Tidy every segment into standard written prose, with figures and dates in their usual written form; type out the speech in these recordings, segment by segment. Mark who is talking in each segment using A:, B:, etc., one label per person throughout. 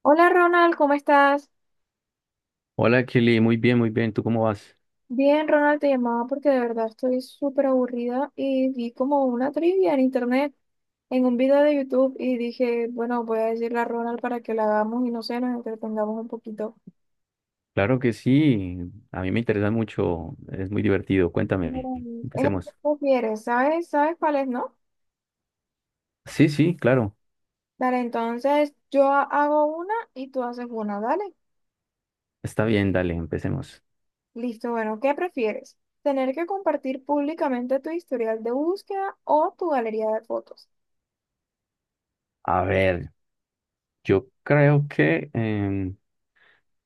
A: Hola Ronald, ¿cómo estás?
B: Hola Kelly, muy bien, muy bien. ¿Tú cómo vas?
A: Bien, Ronald, te llamaba porque de verdad estoy súper aburrida y vi como una trivia en internet, en un video de YouTube y dije, bueno, voy a decirle a Ronald para que la hagamos y no sé, nos entretengamos un poquito.
B: Claro que sí, a mí me interesa mucho, es muy divertido. Cuéntame,
A: Es lo que
B: empecemos.
A: prefieres, ¿sabes? ¿Sabes cuál es, no?
B: Sí, sí, claro,
A: Dale, entonces yo hago una y tú haces una, dale.
B: está bien, dale, empecemos.
A: Listo, bueno, ¿qué prefieres? ¿Tener que compartir públicamente tu historial de búsqueda o tu galería de fotos?
B: A ver, yo creo que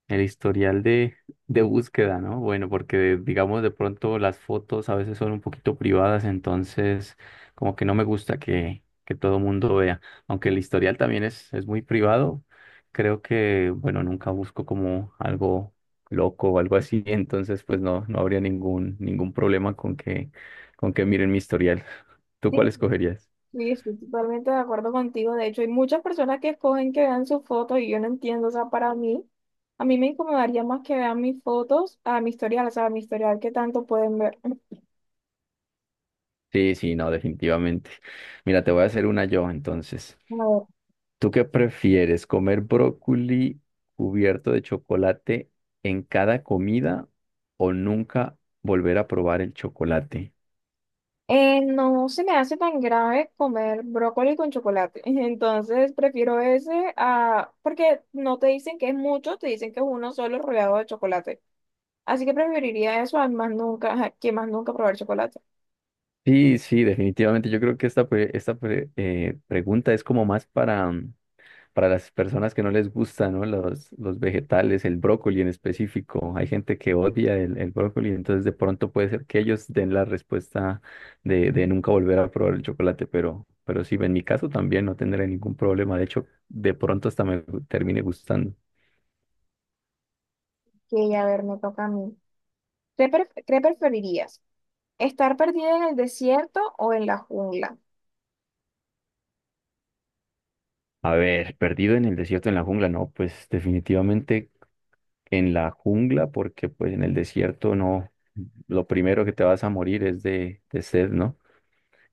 B: el historial de búsqueda, ¿no? Bueno, porque digamos de pronto las fotos a veces son un poquito privadas, entonces como que no me gusta que todo el mundo vea. Aunque el historial también es muy privado, creo que, bueno, nunca busco como algo loco o algo así, entonces pues no, no habría ningún problema con con que miren mi historial. ¿Tú cuál escogerías?
A: Sí, estoy totalmente de acuerdo contigo. De hecho, hay muchas personas que escogen que vean sus fotos y yo no entiendo. O sea, para mí, a mí me incomodaría más que vean mis fotos a mi historial, o sea, a mi historial que tanto pueden ver.
B: Sí, sí, no, definitivamente. Mira, te voy a hacer una yo entonces.
A: A ver,
B: ¿Tú qué prefieres? ¿Comer brócoli cubierto de chocolate en cada comida o nunca volver a probar el chocolate?
A: no se me hace tan grave comer brócoli con chocolate. Entonces, prefiero ese a porque no te dicen que es mucho, te dicen que es uno solo rodeado de chocolate. Así que preferiría eso a más nunca, que más nunca probar chocolate.
B: Sí, sí, definitivamente. Yo creo que pregunta es como más para, para las personas que no les gustan, ¿no? Los vegetales, el brócoli en específico. Hay gente que odia el brócoli, entonces de pronto puede ser que ellos den la respuesta de nunca volver a probar el chocolate, pero sí, en mi caso también no tendré ningún problema. De hecho, de pronto hasta me termine gustando.
A: Que a ver, me toca a mí. ¿Qué, qué preferirías? ¿Estar perdida en el desierto o en la jungla?
B: A ver, perdido en el desierto, en la jungla, no, pues definitivamente en la jungla, porque pues en el desierto no, lo primero que te vas a morir es de sed, ¿no?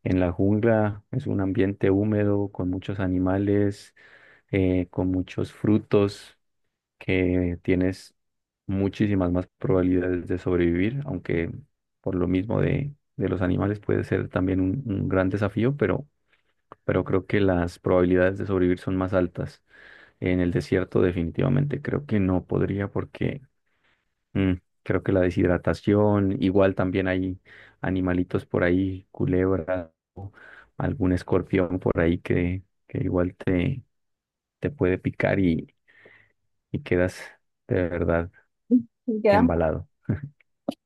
B: En la jungla es un ambiente húmedo con muchos animales, con muchos frutos, que tienes muchísimas más probabilidades de sobrevivir, aunque por lo mismo de los animales puede ser también un gran desafío, pero creo que las probabilidades de sobrevivir son más altas. En el desierto definitivamente creo que no podría porque mm, creo que la deshidratación, igual también hay animalitos por ahí, culebras, algún escorpión por ahí que igual te puede picar y quedas de verdad
A: Y quedamos.
B: embalado.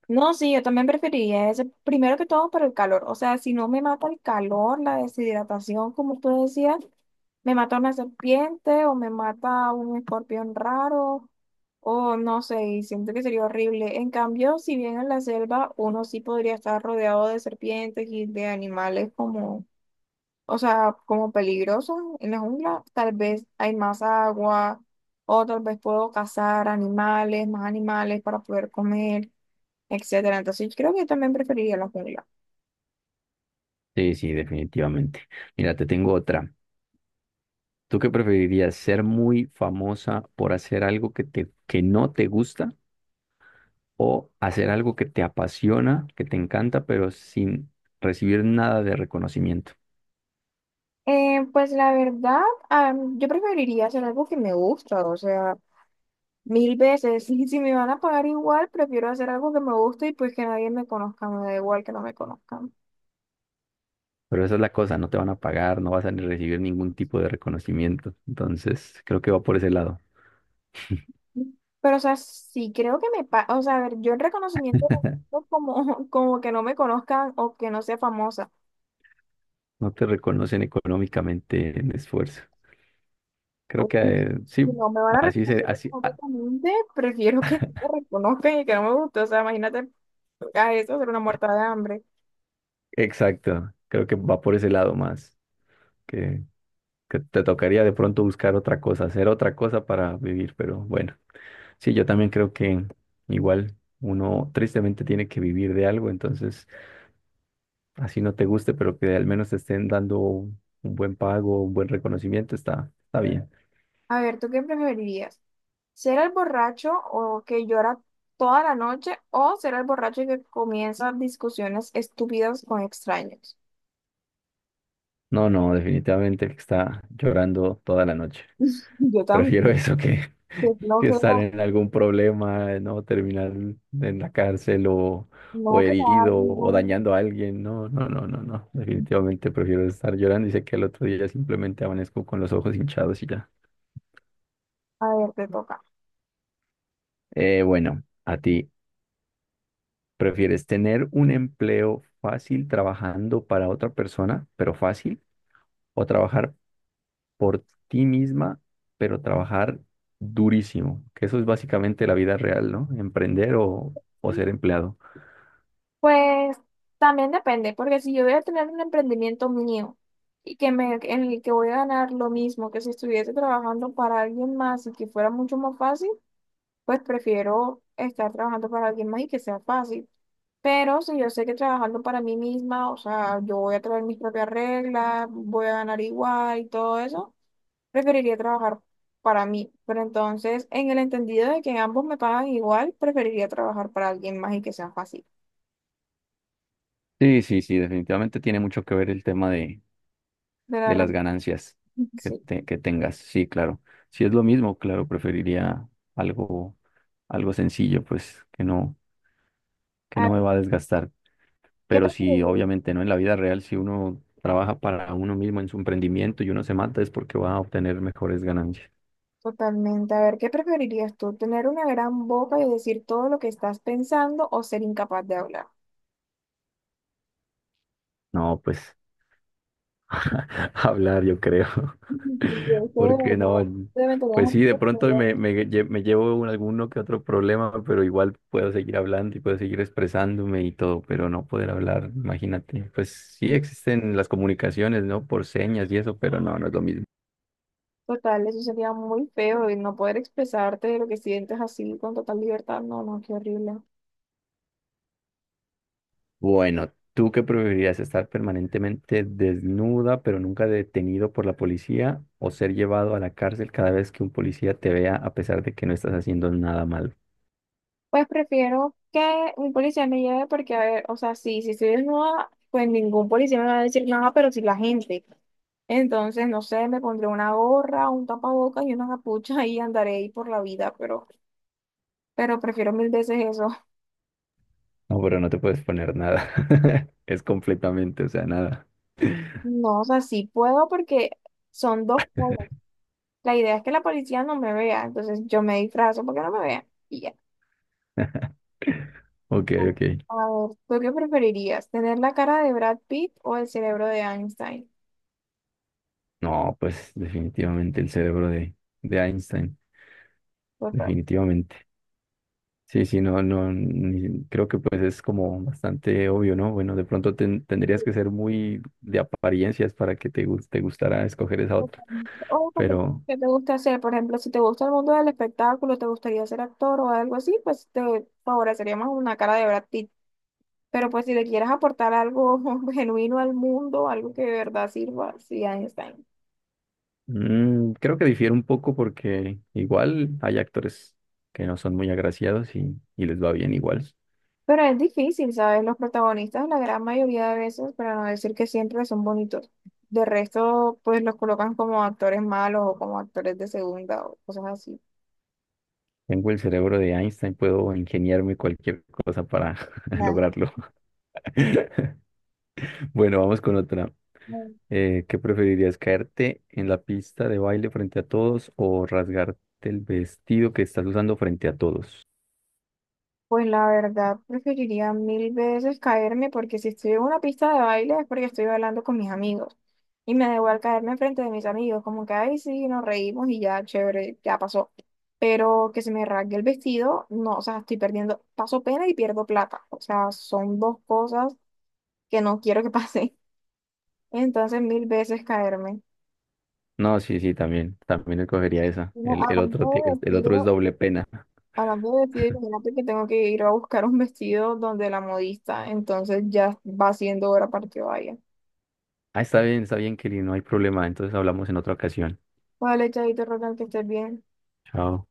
A: No, sí, yo también preferiría ese, primero que todo por el calor. O sea, si no me mata el calor, la deshidratación, como usted decía, me mata una serpiente o me mata un escorpión raro o no sé, y siento que sería horrible. En cambio, si bien en la selva uno sí podría estar rodeado de serpientes y de animales como, o sea, como peligroso en la jungla, tal vez hay más agua, o tal vez puedo cazar animales, más animales para poder comer, etcétera. Entonces, yo creo que yo también preferiría la jungla.
B: Sí, sí, definitivamente. Mira, te tengo otra. ¿Tú qué preferirías, ser muy famosa por hacer algo que no te gusta o hacer algo que te apasiona, que te encanta, pero sin recibir nada de reconocimiento?
A: Pues la verdad, yo preferiría hacer algo que me gusta, o sea, mil veces. Y si me van a pagar igual, prefiero hacer algo que me guste y pues que nadie me conozca, me da igual que no me conozcan.
B: Pero esa es la cosa, no te van a pagar, no vas a ni recibir ningún tipo de reconocimiento. Entonces, creo que va por ese lado.
A: Pero, o sea, sí creo que me pasa, o sea, a ver, yo el reconocimiento busco como, como que no me conozcan o que no sea famosa.
B: No te reconocen económicamente en esfuerzo. Creo
A: O
B: que
A: bueno,
B: sí,
A: si no me van a
B: así se,
A: reconocer
B: así, ah,
A: completamente, prefiero que no me reconozcan y que no me guste. O sea, imagínate a eso ser una muerta de hambre.
B: exacto. Creo que va por ese lado más, que, que te tocaría de pronto buscar otra cosa, hacer otra cosa para vivir, pero bueno, sí, yo también creo que igual uno tristemente tiene que vivir de algo, entonces así no te guste, pero que al menos te estén dando un buen pago, un buen reconocimiento, está, está bien.
A: A ver, ¿tú qué preferirías? ¿Ser el borracho o que llora toda la noche o ser el borracho que comienza discusiones estúpidas con extraños?
B: No, no, definitivamente está llorando toda la noche.
A: Yo
B: Prefiero
A: también.
B: eso
A: Qué
B: que estar
A: flojera.
B: en algún problema, ¿no? Terminar en la cárcel
A: No,
B: o
A: que te
B: herido
A: hagan
B: o
A: daño.
B: dañando a alguien. No, no, no, no, no. Definitivamente prefiero estar llorando y sé que el otro día simplemente amanezco con los ojos hinchados y ya.
A: A ver, te toca.
B: Bueno, a ti, ¿prefieres tener un empleo fácil trabajando para otra persona, pero fácil, o trabajar por ti misma, pero trabajar durísimo? Que eso es básicamente la vida real, ¿no? Emprender o ser empleado.
A: Pues también depende, porque si yo voy a tener un emprendimiento mío y que me, en el que voy a ganar lo mismo que si estuviese trabajando para alguien más y que fuera mucho más fácil, pues prefiero estar trabajando para alguien más y que sea fácil. Pero si yo sé que trabajando para mí misma, o sea, yo voy a traer mis propias reglas, voy a ganar igual y todo eso, preferiría trabajar para mí. Pero entonces, en el entendido de que ambos me pagan igual, preferiría trabajar para alguien más y que sea fácil.
B: Sí, sí, sí, definitivamente tiene mucho que ver el tema
A: De la
B: de las
A: rem-
B: ganancias
A: sí.
B: que tengas. Sí, claro. Si es lo mismo, claro, preferiría algo, algo sencillo, pues,
A: A
B: que
A: ver,
B: no me va a desgastar.
A: ¿qué
B: Pero si
A: preferirías?
B: obviamente no en la vida real, si uno trabaja para uno mismo en su emprendimiento y uno se mata, es porque va a obtener mejores ganancias.
A: Totalmente. A ver, ¿qué preferirías tú? ¿Tener una gran boca y decir todo lo que estás pensando o ser incapaz de hablar?
B: No, pues. Hablar, yo creo.
A: Sí, eso de
B: Porque no,
A: verdad. Obviamente no
B: pues
A: es
B: sí, de
A: un
B: pronto
A: problema.
B: me llevo alguno que otro problema, pero igual puedo seguir hablando y puedo seguir expresándome y todo, pero no poder hablar, imagínate. Pues sí existen las comunicaciones, ¿no? Por señas y eso, pero no, no es lo mismo.
A: Total, eso sería muy feo y no poder expresarte de lo que sientes así con total libertad. No, no, qué horrible.
B: Bueno, ¿tú qué preferirías? ¿Estar permanentemente desnuda, pero nunca detenido por la policía, o ser llevado a la cárcel cada vez que un policía te vea a pesar de que no estás haciendo nada malo?
A: Pues prefiero que un policía me lleve porque, a ver, o sea, sí, si estoy desnuda, pues ningún policía me va a decir nada, pero si la gente. Entonces, no sé, me pondré una gorra, un tapabocas y una capucha y andaré ahí por la vida, pero prefiero mil veces eso.
B: No, pero no te puedes poner nada. Es completamente, o sea, nada.
A: No, o sea, sí puedo porque son dos cosas. La idea es que la policía no me vea, entonces yo me disfrazo porque no me vean y ya.
B: Ok, ok.
A: A ver, ¿tú qué preferirías? ¿Tener la cara de Brad Pitt o el cerebro de Einstein?
B: No, pues definitivamente el cerebro de Einstein,
A: Por favor.
B: definitivamente. Sí, sí, no, no, ni- creo que pues es como bastante obvio, ¿no? Bueno, de pronto tendrías que ser muy de apariencias para que te, te gustara escoger esa otra,
A: O como
B: pero
A: que te gusta hacer, por ejemplo, si te gusta el mundo del espectáculo, te gustaría ser actor o algo así, pues te favorecería más una cara de Brad Pitt. Pero pues si le quieres aportar algo genuino al mundo, algo que de verdad sirva, sí, Einstein.
B: creo que difiere un poco porque igual hay actores que no son muy agraciados y les va bien igual.
A: Pero es difícil, ¿sabes? Los protagonistas, la gran mayoría de veces, para no decir que siempre son bonitos. De resto, pues los colocan como actores malos o como actores de segunda o cosas así.
B: Tengo el cerebro de Einstein, puedo ingeniarme cualquier cosa para
A: Nah.
B: lograrlo. Bueno, vamos con otra. ¿Qué preferirías, caerte en la pista de baile frente a todos o rasgarte el vestido que estás usando frente a todos?
A: Pues la verdad, preferiría mil veces caerme porque si estoy en una pista de baile es porque estoy bailando con mis amigos. Y me da igual caerme enfrente de mis amigos, como que, ay, sí, nos reímos y ya, chévere, ya pasó. Pero que se me rasgue el vestido, no, o sea, estoy perdiendo, paso pena y pierdo plata. O sea, son dos cosas que no quiero que pase. Entonces, mil veces caerme.
B: No, sí, sí, también, también escogería esa.
A: No,
B: El otro,
A: hablando de
B: el otro es
A: vestido,
B: doble pena.
A: hablando de vestido, imagínate que tengo que ir a buscar un vestido donde la modista, entonces ya va siendo hora para que vaya.
B: Ah, está bien, Kelly, no hay problema. Entonces hablamos en otra ocasión.
A: Vale, chavito, Rogan, que estés bien.
B: Chao.